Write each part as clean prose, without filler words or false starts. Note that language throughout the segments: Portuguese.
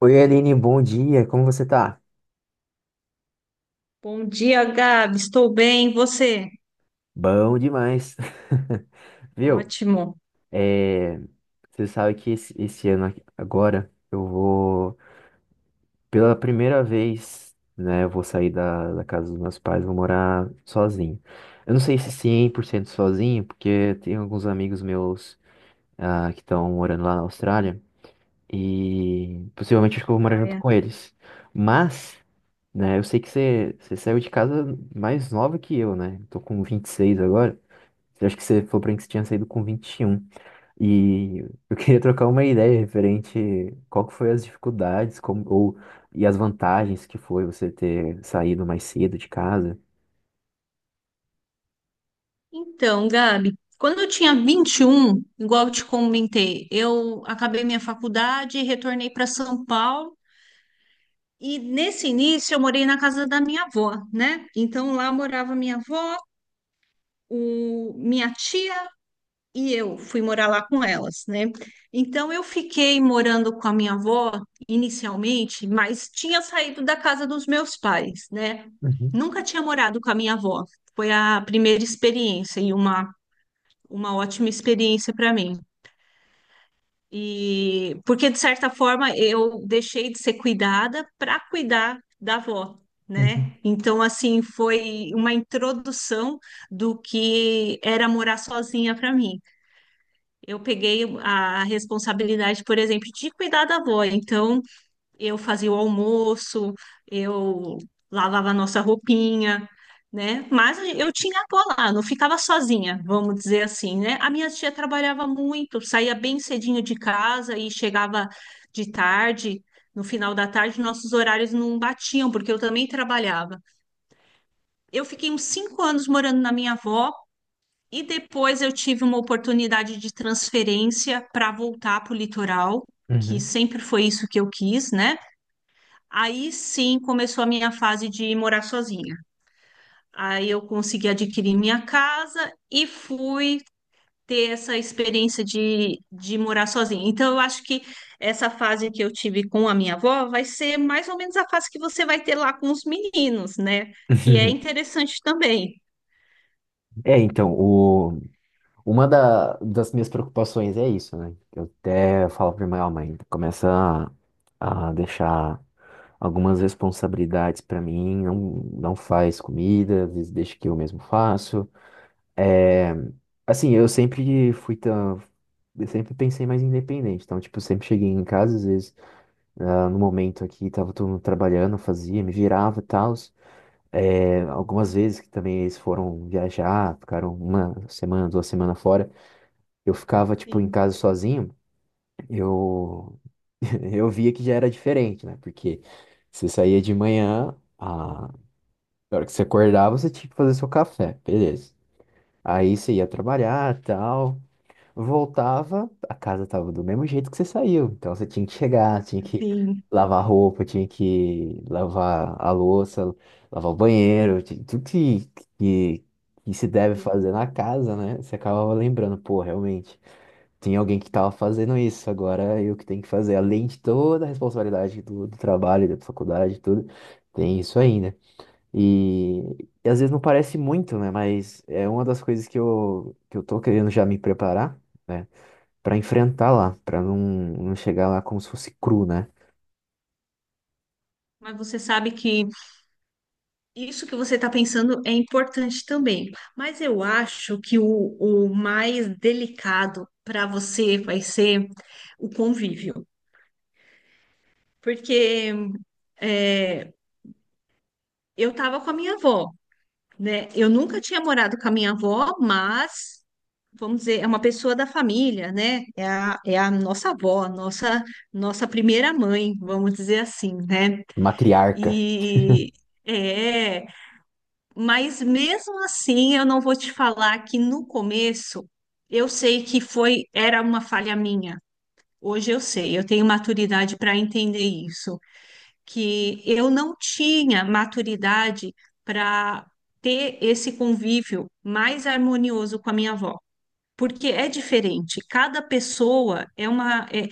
Oi, Aline, bom dia, como você tá? Bom dia, Gabi. Estou bem, e você? Bom demais, viu? Ótimo. É, você sabe que esse ano aqui- agora eu vou, pela primeira vez, né, eu vou sair da, da casa dos meus pais, vou morar sozinho. Eu não sei se 100% sozinho, porque tem alguns amigos meus que estão morando lá na Austrália. E possivelmente acho que eu vou morar junto Joia. com eles. Mas, né, eu sei que você saiu de casa mais nova que eu, né? Tô com 26 agora. Eu acho que você falou pra mim que você tinha saído com 21. E um. E eu queria trocar uma ideia referente qual que foi as dificuldades, como, ou, e as vantagens que foi você ter saído mais cedo de casa. Então, Gabi, quando eu tinha 21, igual eu te comentei, eu acabei minha faculdade e retornei para São Paulo. E nesse início eu morei na casa da minha avó, né? Então lá morava minha avó, minha tia e eu fui morar lá com elas, né? Então eu fiquei morando com a minha avó inicialmente, mas tinha saído da casa dos meus pais, né? Uhum, Nunca tinha morado com a minha avó. Foi a primeira experiência e uma ótima experiência para mim. E porque de certa forma eu deixei de ser cuidada para cuidar da avó, uhum. né? Então assim foi uma introdução do que era morar sozinha para mim. Eu peguei a responsabilidade, por exemplo, de cuidar da avó. Então, eu fazia o almoço, eu lavava a nossa roupinha, né? Mas eu tinha a avó lá, não ficava sozinha, vamos dizer assim, né? A minha tia trabalhava muito, saía bem cedinho de casa e chegava de tarde. No final da tarde, nossos horários não batiam, porque eu também trabalhava. Eu fiquei uns 5 anos morando na minha avó. E depois eu tive uma oportunidade de transferência para voltar para o litoral, que Uhum. sempre foi isso que eu quis, né? Aí sim começou a minha fase de morar sozinha. Aí eu consegui adquirir minha casa e fui ter essa experiência de morar sozinha. Então eu acho que essa fase que eu tive com a minha avó vai ser mais ou menos a fase que você vai ter lá com os meninos, né? Que é interessante também. É, então, uma da- das minhas preocupações é isso, né? Eu até falo pra minha mãe, começa a deixar algumas responsabilidades pra mim, não, não faz comida, às vezes deixa que eu mesmo faço. É, assim, eu sempre fui tão, eu sempre pensei mais independente, então, tipo, eu sempre cheguei em casa, às vezes, no momento aqui, tava todo mundo trabalhando, eu fazia, me virava e tal. É, algumas vezes que também eles foram viajar, ficaram uma semana, duas semanas fora, eu ficava, tipo, em Sim, casa sozinho, eu, eu via que já era diferente, né? Porque você saía de manhã, a na hora que você acordava, você tinha que fazer seu café, beleza. Aí você ia trabalhar, tal, voltava, a casa tava do mesmo jeito que você saiu. Então você tinha que chegar, tinha que sim, lavar roupa, tinha que lavar a louça, lavar o banheiro, ti- tudo que, que se deve sim. fazer na casa, né? Você acabava lembrando, pô, realmente. Tinha alguém que estava fazendo isso, agora eu que tenho que fazer, além de toda a responsabilidade do, do trabalho, da faculdade, e tudo, tem isso ainda. E, e às vezes não parece muito, né? Mas é uma das coisas que que eu tô querendo já me preparar, né? Para enfrentar lá, para não, não chegar lá como se fosse cru, né? Mas você sabe que isso que você está pensando é importante também, mas eu acho que o mais delicado para você vai ser o convívio, porque é, eu estava com a minha avó, né? Eu nunca tinha morado com a minha avó, mas vamos dizer, é uma pessoa da família, né? É a nossa avó, nossa primeira mãe, vamos dizer assim, né? Matriarca. E. é, Mas mesmo assim, eu não vou te falar que no começo eu sei que foi era uma falha minha. Hoje eu sei, eu tenho maturidade para entender isso, que eu não tinha maturidade para ter esse convívio mais harmonioso com a minha avó, porque é diferente. Cada pessoa é uma é,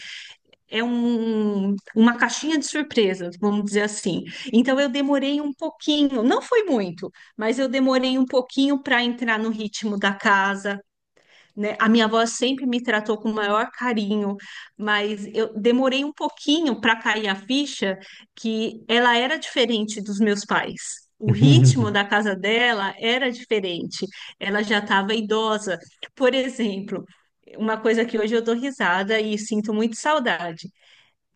é uma caixinha de surpresas, vamos dizer assim. Então eu demorei um pouquinho, não foi muito, mas eu demorei um pouquinho para entrar no ritmo da casa, né? A minha avó sempre me tratou com o maior carinho, mas eu demorei um pouquinho para cair a ficha que ela era diferente dos meus pais. O ritmo da casa dela era diferente. Ela já estava idosa. Por exemplo, uma coisa que hoje eu dou risada e sinto muito saudade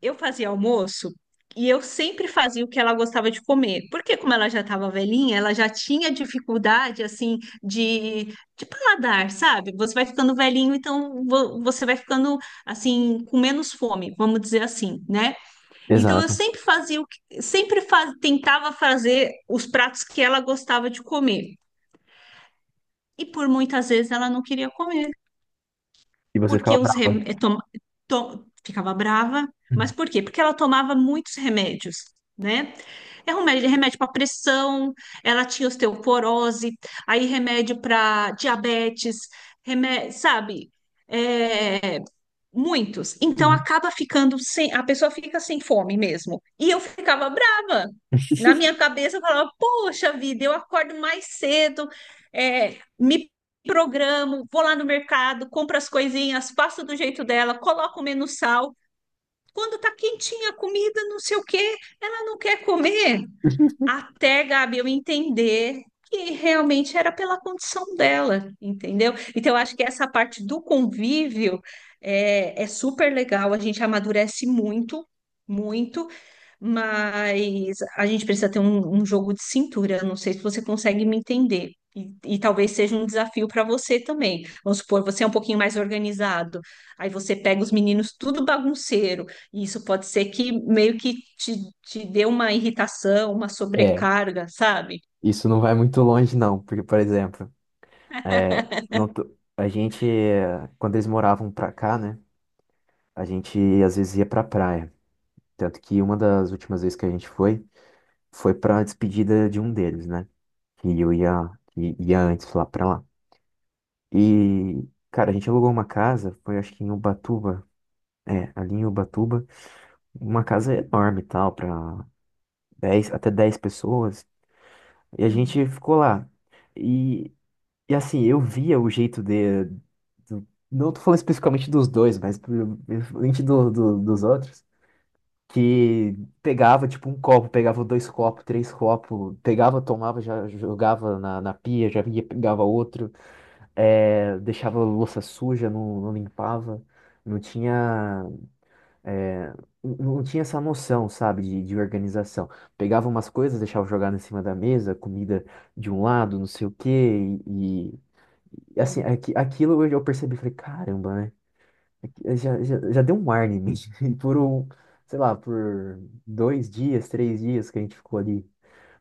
eu fazia almoço e eu sempre fazia o que ela gostava de comer. Porque como ela já estava velhinha, ela já tinha dificuldade assim de, de paladar, sabe? Você vai ficando velhinho, então você vai ficando assim com menos fome, vamos dizer assim, né? Então eu Exato. sempre fazia o que, sempre fa- tentava fazer os pratos que ela gostava de comer. E por muitas vezes ela não queria comer. E você Porque ficava os brava. rem... eh, tom- tom- Ficava brava, mas por quê? Porque ela tomava muitos remédios, né? Remédio, remédio para pressão, ela tinha osteoporose, aí remédio para diabetes, remédio, sabe? É, Muitos. Então Uhum. acaba ficando sem, a pessoa fica sem fome mesmo. E eu ficava brava. Na minha cabeça eu falava, poxa vida, eu acordo mais cedo, me programo, vou lá no mercado, compro as coisinhas, faço do jeito dela, coloco menos sal. Quando tá quentinha a comida, não sei o quê, ela não quer comer até, Gabi, eu entender que realmente era pela condição dela, entendeu? Então, eu acho que essa parte do convívio é super legal, a gente amadurece muito, muito, mas a gente precisa ter um jogo de cintura. Não sei se você consegue me entender. E talvez seja um desafio para você também. Vamos supor, você é um pouquinho mais organizado. Aí você pega os meninos tudo bagunceiro. E isso pode ser que meio que te dê uma irritação, uma É, sobrecarga, sabe? isso não vai muito longe, não, porque, por exemplo. É, não tô- a gente, quando eles moravam pra cá, né? A gente às vezes ia pra praia. Tanto que uma das últimas vezes que a gente foi, foi pra despedida de um deles, né? Que eu ia, que ia antes lá pra lá. E, cara, a gente alugou uma casa, foi acho que em Ubatuba. É, ali em Ubatuba. Uma casa enorme e tal, pra 10 até 10 pessoas. E a Sim, gente ficou lá. E assim, eu via o jeito de. Do- não tô falando especificamente dos dois, mas principalmente do, do- dos outros. Que pegava, tipo, um copo, pegava dois copos, três copos, pegava, tomava, já jogava na, na pia, já vinha, pegava outro, é, deixava a louça suja, não, não limpava, não tinha, é, não tinha essa noção, sabe, de organização. Pegava umas coisas, deixava jogar em cima da mesa, comida de um lado, não sei o quê, e assim, sim, aqui, aquilo eu percebi, falei, caramba, né? Aqui- já, já, já deu um ar em mim. E por um, sei lá, por dois dias, três dias que a gente ficou ali.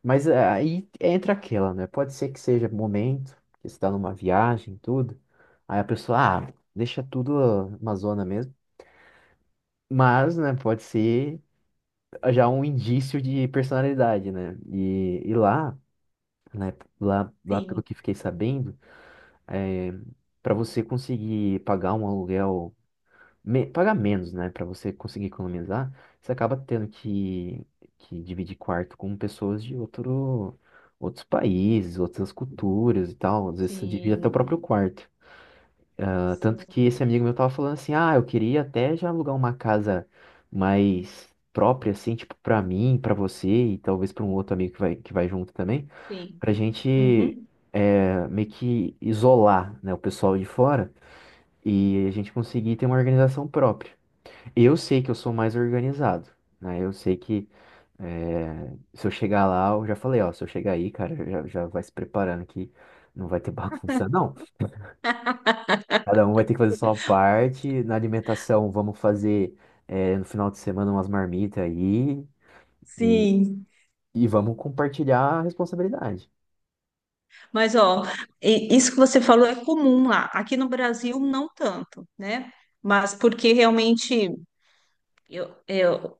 Mas é, aí entra aquela, né? Pode ser que seja momento, que você tá numa viagem, tudo. Aí a pessoa, ah, deixa tudo uma zona mesmo. Mas, né, pode ser já um indício de personalidade, né? E lá, né, lá, lá pelo sim, que fiquei sabendo, é, para você conseguir pagar um aluguel me- pagar menos, né? Para você conseguir economizar, você acaba tendo que dividir quarto com pessoas de outro, outros países, outras culturas e tal. Às vezes você divide até o sim, próprio quarto. Ah, tanto que sim, esse amigo meu tava falando assim, ah, eu queria até já alugar uma casa mais própria, assim, tipo, pra mim, pra você e talvez pra um outro amigo que vai junto também, sim. pra gente Uhum. Meio que isolar, né, o pessoal de fora e a gente conseguir ter uma organização própria. Eu sei que eu sou mais organizado, né? Eu sei que se eu chegar lá, eu já falei, ó, se eu chegar aí, cara, já, já vai se preparando que não vai ter bagunça, não. Cada um vai ter que fazer sua parte. Na alimentação, vamos fazer no final de semana umas marmitas aí e, Sim, e vamos compartilhar a responsabilidade. mas, ó, isso que você falou é comum lá. Aqui no Brasil, não tanto, né? Mas porque realmente, eu, eu,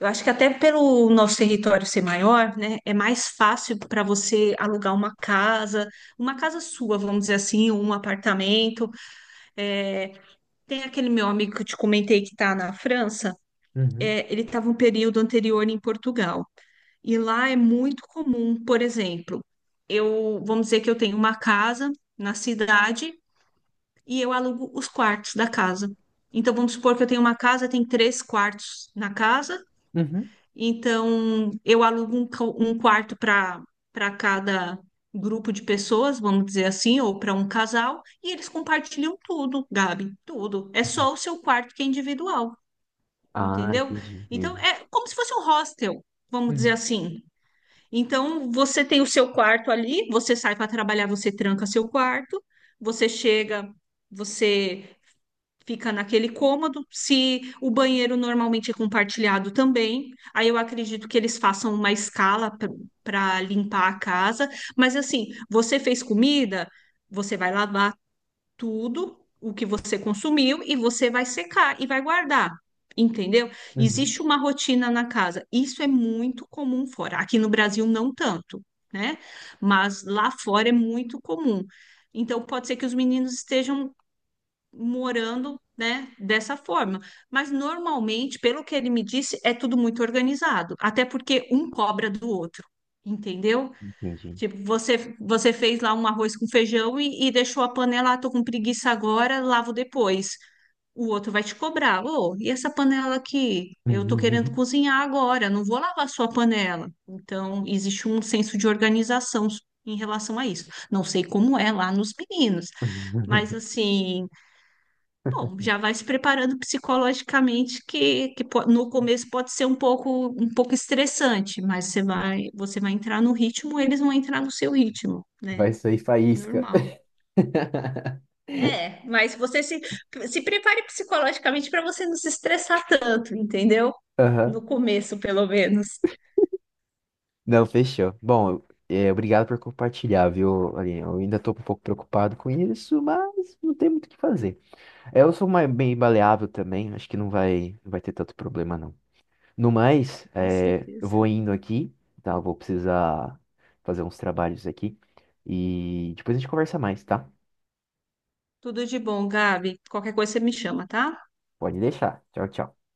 eu acho que até pelo nosso território ser maior, né? É mais fácil para você alugar uma casa sua, vamos dizer assim, um apartamento. É, tem aquele meu amigo que eu te comentei que está na França. Uhum, Ele estava um período anterior em Portugal. E lá é muito comum, por exemplo, vamos dizer que eu tenho uma casa na cidade e eu alugo os quartos da casa. Então vamos supor que eu tenho uma casa, tem 3 quartos na casa, uhum. então eu alugo um quarto para cada grupo de pessoas, vamos dizer assim, ou para um casal, e eles compartilham tudo, Gabi, tudo. É só o seu quarto que é individual, Ah, entendeu? entendi, Então entendi. é como se fosse um hostel, vamos dizer Uhum, assim. Então, você tem o seu quarto ali, você sai para trabalhar, você tranca seu quarto, você chega, você fica naquele cômodo. Se o banheiro normalmente é compartilhado também, aí eu acredito que eles façam uma escala para limpar a casa. Mas assim, você fez comida, você vai lavar tudo o que você consumiu e você vai secar e vai guardar, entendeu? uhum. Existe uma rotina na casa. Isso é muito comum fora. Aqui no Brasil não tanto, né? Mas lá fora é muito comum. Então pode ser que os meninos estejam morando, né, dessa forma. Mas normalmente, pelo que ele me disse, é tudo muito organizado, até porque um cobra do outro, entendeu? Entendi. Tipo, você fez lá um arroz com feijão e deixou a panela, ah, tô com preguiça agora, lavo depois. O outro vai te cobrar. Ô, e essa panela aqui? Eu tô querendo cozinhar agora, não vou lavar a sua panela. Então, existe um senso de organização em relação a isso. Não sei como é lá nos meninos, mas assim, bom, já vai se preparando psicologicamente, no começo pode ser um pouco estressante, mas você vai entrar no ritmo, eles vão entrar no seu ritmo, né? Vai sair faísca. Normal. É, mas você se, se prepare psicologicamente para você não se estressar tanto, entendeu? Aham. No começo, pelo menos. Não, fechou. Bom, é, obrigado por compartilhar, viu, Aline? Eu ainda tô um pouco preocupado com isso, mas não tem muito o que fazer. É, eu sou mais, bem baleável também, acho que não vai, não vai ter tanto problema, não. No mais, Com é, eu certeza. vou indo aqui, tá? Eu vou precisar fazer uns trabalhos aqui. E depois a gente conversa mais, tá? Tudo de bom, Gabi. Qualquer coisa você me chama, tá? Pode deixar. Tchau, tchau.